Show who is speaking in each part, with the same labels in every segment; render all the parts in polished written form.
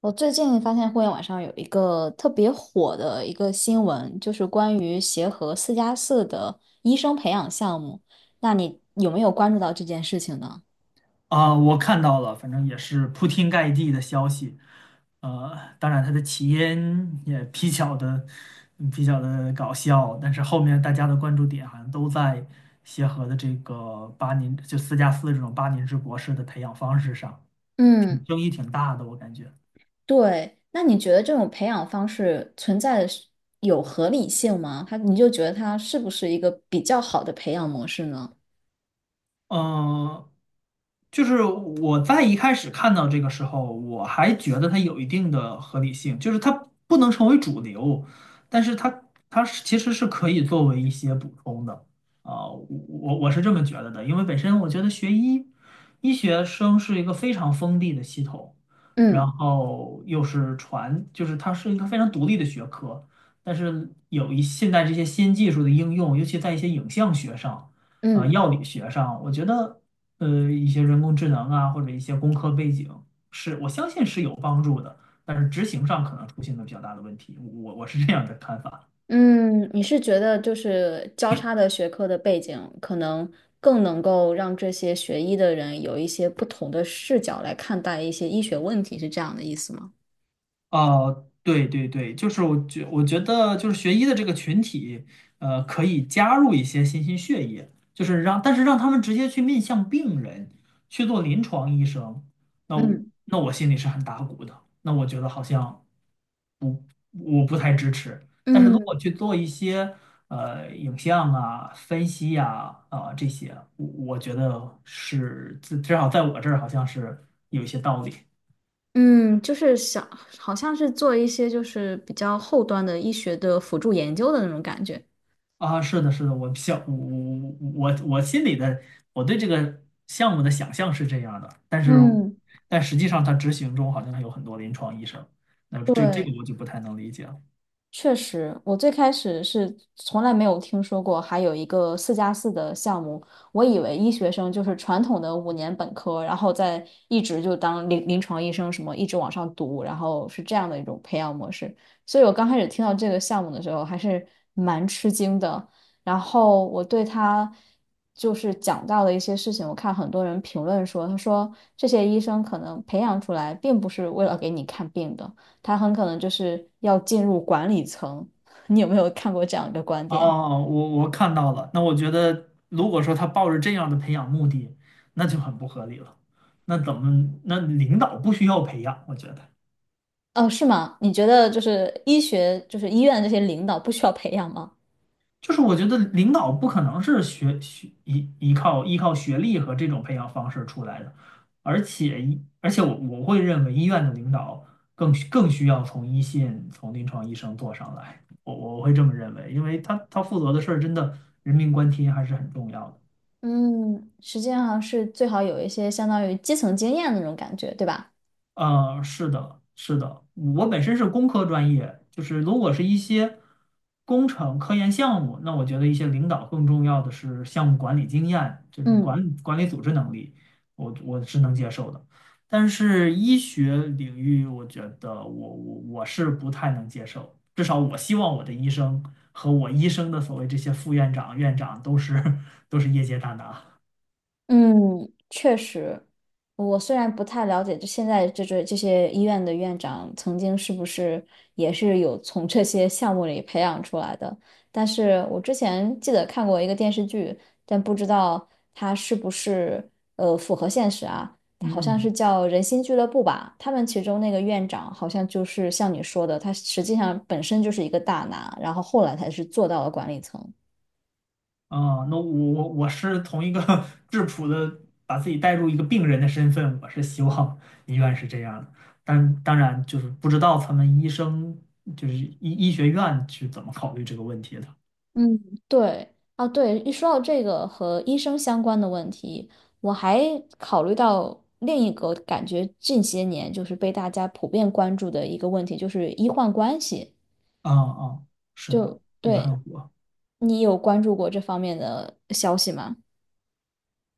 Speaker 1: 我最近发现互联网上有一个特别火的一个新闻，就是关于协和四加四的医生培养项目。那你有没有关注到这件事情呢？
Speaker 2: 啊，我看到了，反正也是铺天盖地的消息。当然它的起因也比较的搞笑，但是后面大家的关注点好像都在协和的这个八年就4+4这种8年制博士的培养方式上，挺
Speaker 1: 嗯，
Speaker 2: 争议挺大的，我感觉。
Speaker 1: 对。那你觉得这种培养方式存在的是有合理性吗？你就觉得它是不是一个比较好的培养模式呢？
Speaker 2: 嗯、就是我在一开始看到这个时候，我还觉得它有一定的合理性，就是它不能成为主流，但是它其实是可以作为一些补充的。我是这么觉得的，因为本身我觉得医学生是一个非常封闭的系统，然
Speaker 1: 嗯
Speaker 2: 后又是就是它是一个非常独立的学科，但是现在这些新技术的应用，尤其在一些影像学上。
Speaker 1: 嗯。
Speaker 2: 药理学上，我觉得一些人工智能啊，或者一些工科背景，是我相信是有帮助的，但是执行上可能出现了比较大的问题。我是这样的看法。
Speaker 1: 嗯，你是觉得就是交叉的学科的背景，可能更能够让这些学医的人有一些不同的视角来看待一些医学问题，是这样的意思吗？
Speaker 2: 哦，对对对，就是我觉得就是学医的这个群体，可以加入一些新兴血液，就是让但是让他们直接去面向病人去做临床医生，那我
Speaker 1: 嗯
Speaker 2: 那我心里是很打鼓的。那我觉得好像。不，我不太支持。但是如果
Speaker 1: 嗯
Speaker 2: 去做一些影像啊、分析呀、这些，我觉得是至少在我这儿好像是有一些道理。
Speaker 1: 嗯，就是想，好像是做一些就是比较后端的医学的辅助研究的那种感觉。
Speaker 2: 啊。是的，是的，我想我我我心里的我对这个项目的想象是这样的，但是
Speaker 1: 嗯，
Speaker 2: 实际上它执行中好像还有很多临床医生，那这这
Speaker 1: 对。
Speaker 2: 个我就不太能理解了。
Speaker 1: 确实，我最开始是从来没有听说过还有一个四加四的项目，我以为医学生就是传统的五年本科，然后再一直就当临床医生，什么一直往上读，然后是这样的一种培养模式。所以我刚开始听到这个项目的时候，还是蛮吃惊的。然后我对他就是讲到的一些事情，我看很多人评论说，他说这些医生可能培养出来并不是为了给你看病的。他很可能就是要进入管理层。你有没有看过这样一个观点？
Speaker 2: 哦，我看到了。那我觉得，如果说他抱着这样的培养目的，那就很不合理了。那怎么？那领导不需要培养，我觉得，
Speaker 1: 哦，是吗？你觉得就是医学，就是医院这些领导不需要培养吗？
Speaker 2: 就是我觉得领导不可能是依靠学历和这种培养方式出来的，而且我会认为医院的领导更需要从一线从临床医生做上来，我会这么认为，因为他负责的事儿真的人命关天还是很重要的。
Speaker 1: 嗯，实际上是最好有一些相当于基层经验的那种感觉，对吧？
Speaker 2: 是的，是的，我本身是工科专业，就是如果是一些工程科研项目，那我觉得一些领导更重要的是项目管理经验，这种
Speaker 1: 嗯。
Speaker 2: 管理组织能力，我是能接受的。但是医学领域，我觉得我是不太能接受，至少我希望我的医生和我医生的所谓这些副院长、院长都是 都是业界大拿。
Speaker 1: 嗯，确实，我虽然不太了解，就现在这些医院的院长曾经是不是也是有从这些项目里培养出来的，但是我之前记得看过一个电视剧，但不知道它是不是符合现实啊？它好像是
Speaker 2: 嗯。
Speaker 1: 叫《人心俱乐部》吧，他们其中那个院长好像就是像你说的，他实际上本身就是一个大拿，然后后来才是做到了管理层。
Speaker 2: 啊，那我是从一个 质朴的，把自己带入一个病人的身份，我是希望 医院是这样的，但当然就是不知道他们医生就是医学院是怎么考虑这个问题的。
Speaker 1: 嗯，对，啊，对，一说到这个和医生相关的问题，我还考虑到另一个感觉近些年就是被大家普遍关注的一个问题，就是医患关系。
Speaker 2: 啊啊，是的，
Speaker 1: 就
Speaker 2: 也
Speaker 1: 对
Speaker 2: 很火。
Speaker 1: 你有关注过这方面的消息吗？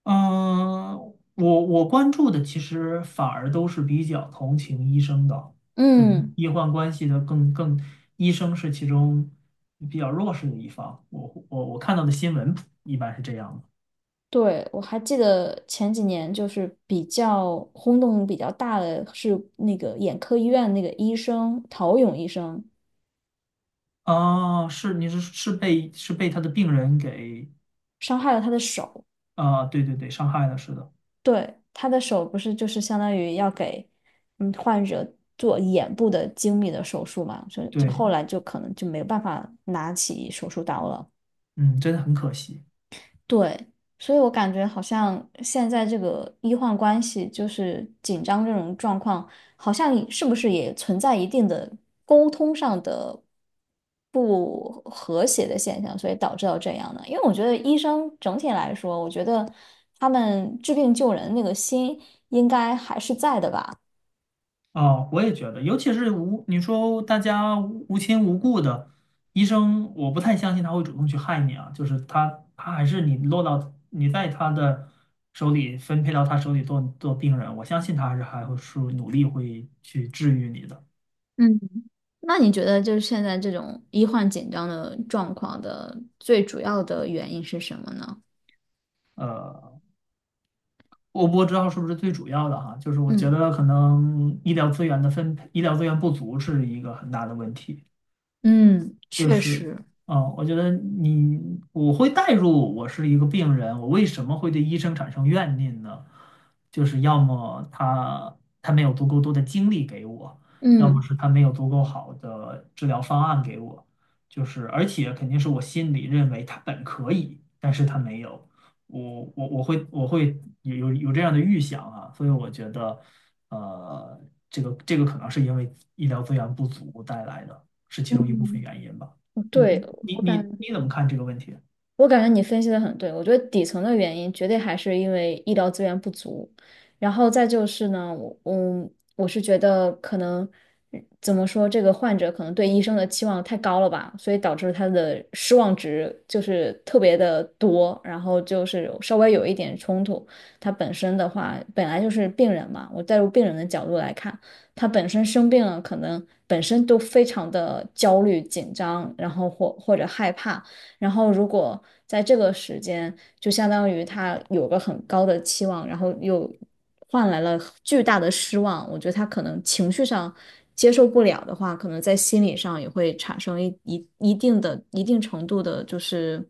Speaker 2: 嗯，我关注的其实反而都是比较同情医生的，就是
Speaker 1: 嗯，
Speaker 2: 医患关系的医生是其中比较弱势的一方。我看到的新闻一般是这样的。
Speaker 1: 对，我还记得前几年就是比较轰动比较大的是那个眼科医院那个医生陶勇医生
Speaker 2: 哦，是你是是被是被他的病人给。
Speaker 1: 伤害了他的手。
Speaker 2: 对对对，伤害了，是的，
Speaker 1: 对，他的手不是就是相当于要给嗯患者做眼部的精密的手术嘛，所以就后
Speaker 2: 对，
Speaker 1: 来就可能就没有办法拿起手术刀了。
Speaker 2: 嗯，真的很可惜。
Speaker 1: 对，所以我感觉好像现在这个医患关系就是紧张这种状况，好像也是不是也存在一定的沟通上的不和谐的现象，所以导致到这样的。因为我觉得医生整体来说，我觉得他们治病救人那个心应该还是在的吧。
Speaker 2: 啊，我也觉得，尤其是无，你说大家无亲无故的，医生，我不太相信他会主动去害你啊，就是他还是你落到你在他的手里分配到他手里做病人，我相信他还会努力去治愈你的。
Speaker 1: 嗯。那你觉得就是现在这种医患紧张的状况的最主要的原因是什么呢？
Speaker 2: 呃，我不知道是不是最主要的哈，就是我觉
Speaker 1: 嗯
Speaker 2: 得可能医疗资源的分配，医疗资源不足是一个很大的问题。
Speaker 1: 嗯，
Speaker 2: 就
Speaker 1: 确
Speaker 2: 是，
Speaker 1: 实。
Speaker 2: 啊，我觉得你我会带入我是一个病人，我为什么会对医生产生怨念呢？就是要么他没有足够多的精力给我，要么
Speaker 1: 嗯，
Speaker 2: 是他没有足够好的治疗方案给我，就是而且肯定是我心里认为他本可以，但是他没有，我会有这样的预想啊，所以我觉得，呃，这个这个可能是因为医疗资源不足带来的，是其中一部分
Speaker 1: 嗯，
Speaker 2: 原因吧。你
Speaker 1: 对，
Speaker 2: 你
Speaker 1: 我
Speaker 2: 你
Speaker 1: 感，
Speaker 2: 你怎么看这个问题？
Speaker 1: 我感觉你分析的很对，我觉得底层的原因绝对还是因为医疗资源不足，然后再就是呢，我是觉得可能怎么说，这个患者可能对医生的期望太高了吧，所以导致他的失望值就是特别的多，然后就是稍微有一点冲突。他本身的话，本来就是病人嘛，我带入病人的角度来看，他本身生病了，可能本身都非常的焦虑、紧张，然后或者害怕。然后如果在这个时间，就相当于他有个很高的期望，然后又换来了巨大的失望，我觉得他可能情绪上接受不了的话，可能在心理上也会产生一定程度的，就是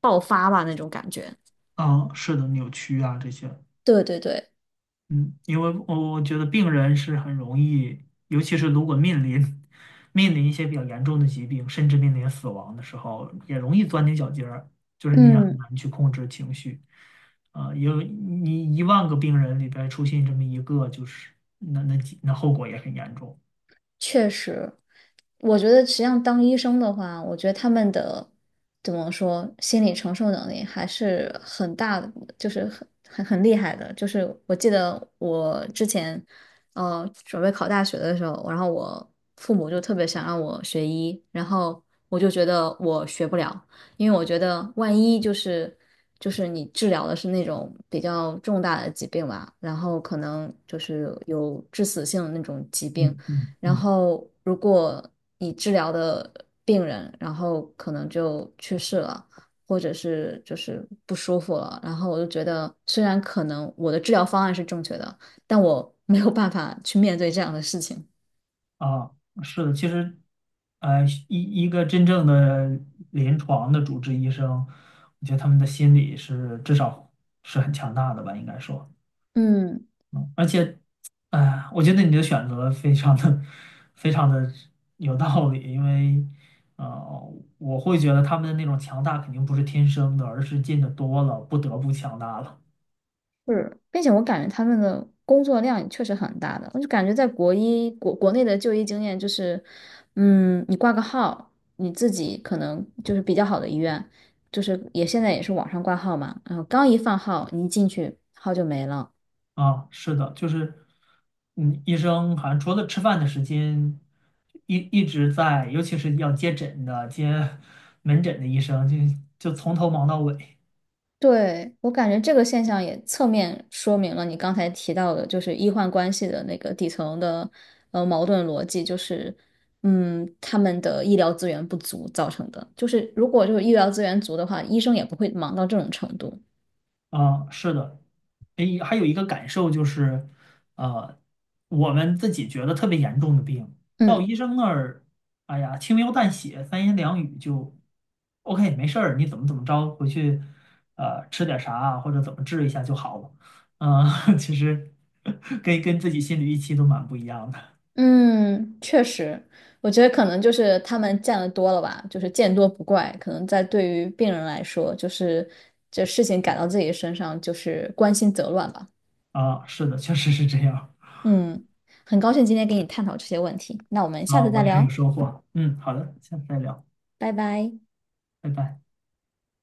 Speaker 1: 爆发吧那种感觉。
Speaker 2: 啊，是的，扭曲啊这些。
Speaker 1: 对对对，
Speaker 2: 嗯，因为我觉得病人是很容易，尤其是如果面临一些比较严重的疾病，甚至面临死亡的时候，也容易钻牛角尖儿，就是你也很
Speaker 1: 嗯。
Speaker 2: 难去控制情绪。有你1万个病人里边出现这么一个，就是那后果也很严重。
Speaker 1: 确实，我觉得实际上当医生的话，我觉得他们的怎么说，心理承受能力还是很大的，就是很厉害的。就是我记得我之前，准备考大学的时候，然后我父母就特别想让我学医，然后我就觉得我学不了，因为我觉得万一就是你治疗的是那种比较重大的疾病吧，然后可能就是有致死性的那种疾病。
Speaker 2: 嗯嗯
Speaker 1: 然
Speaker 2: 嗯，
Speaker 1: 后如果你治疗的病人，然后可能就去世了，或者是就是不舒服了，然后我就觉得，虽然可能我的治疗方案是正确的，但我没有办法去面对这样的事情。
Speaker 2: 啊，是的，其实，一个真正的临床的主治医生，我觉得他们的心理是至少是很强大的吧，应该说。
Speaker 1: 嗯，
Speaker 2: 嗯而且，哎，我觉得你的选择非常的、非常的有道理，因为，呃，我会觉得他们的那种强大肯定不是天生的，而是见的多了，不得不强大了。
Speaker 1: 是，并且我感觉他们的工作量也确实很大的，我就感觉在国内的就医经验就是，嗯，你挂个号，你自己可能就是比较好的医院，就是也现在也是网上挂号嘛，然后刚一放号，你一进去号就没了。
Speaker 2: 啊，是的，就是，医生好像除了吃饭的时间，一直在，尤其是要接诊的、接门诊的医生，就从头忙到尾。
Speaker 1: 对，我感觉这个现象也侧面说明了你刚才提到的，就是医患关系的那个底层的矛盾逻辑，就是嗯，他们的医疗资源不足造成的。就是如果就是医疗资源足的话，医生也不会忙到这种程度。
Speaker 2: 啊，是的，诶，还有一个感受就是，呃，我们自己觉得特别严重的病，到
Speaker 1: 嗯
Speaker 2: 医生那儿，哎呀，轻描淡写，三言两语就，OK，没事儿，你怎么怎么着，回去，吃点啥啊或者怎么治一下就好了。嗯，其实跟自己心里预期都蛮不一样的。
Speaker 1: 嗯，确实，我觉得可能就是他们见得多了吧，就是见多不怪。可能在对于病人来说，就是这事情赶到自己身上，就是关心则乱吧。
Speaker 2: 啊，是的，确实是这样。
Speaker 1: 嗯，很高兴今天跟你探讨这些问题，那我们下
Speaker 2: 啊，
Speaker 1: 次再
Speaker 2: 我也很
Speaker 1: 聊，
Speaker 2: 有收获。嗯，好的，下次再聊，
Speaker 1: 拜拜。
Speaker 2: 拜拜。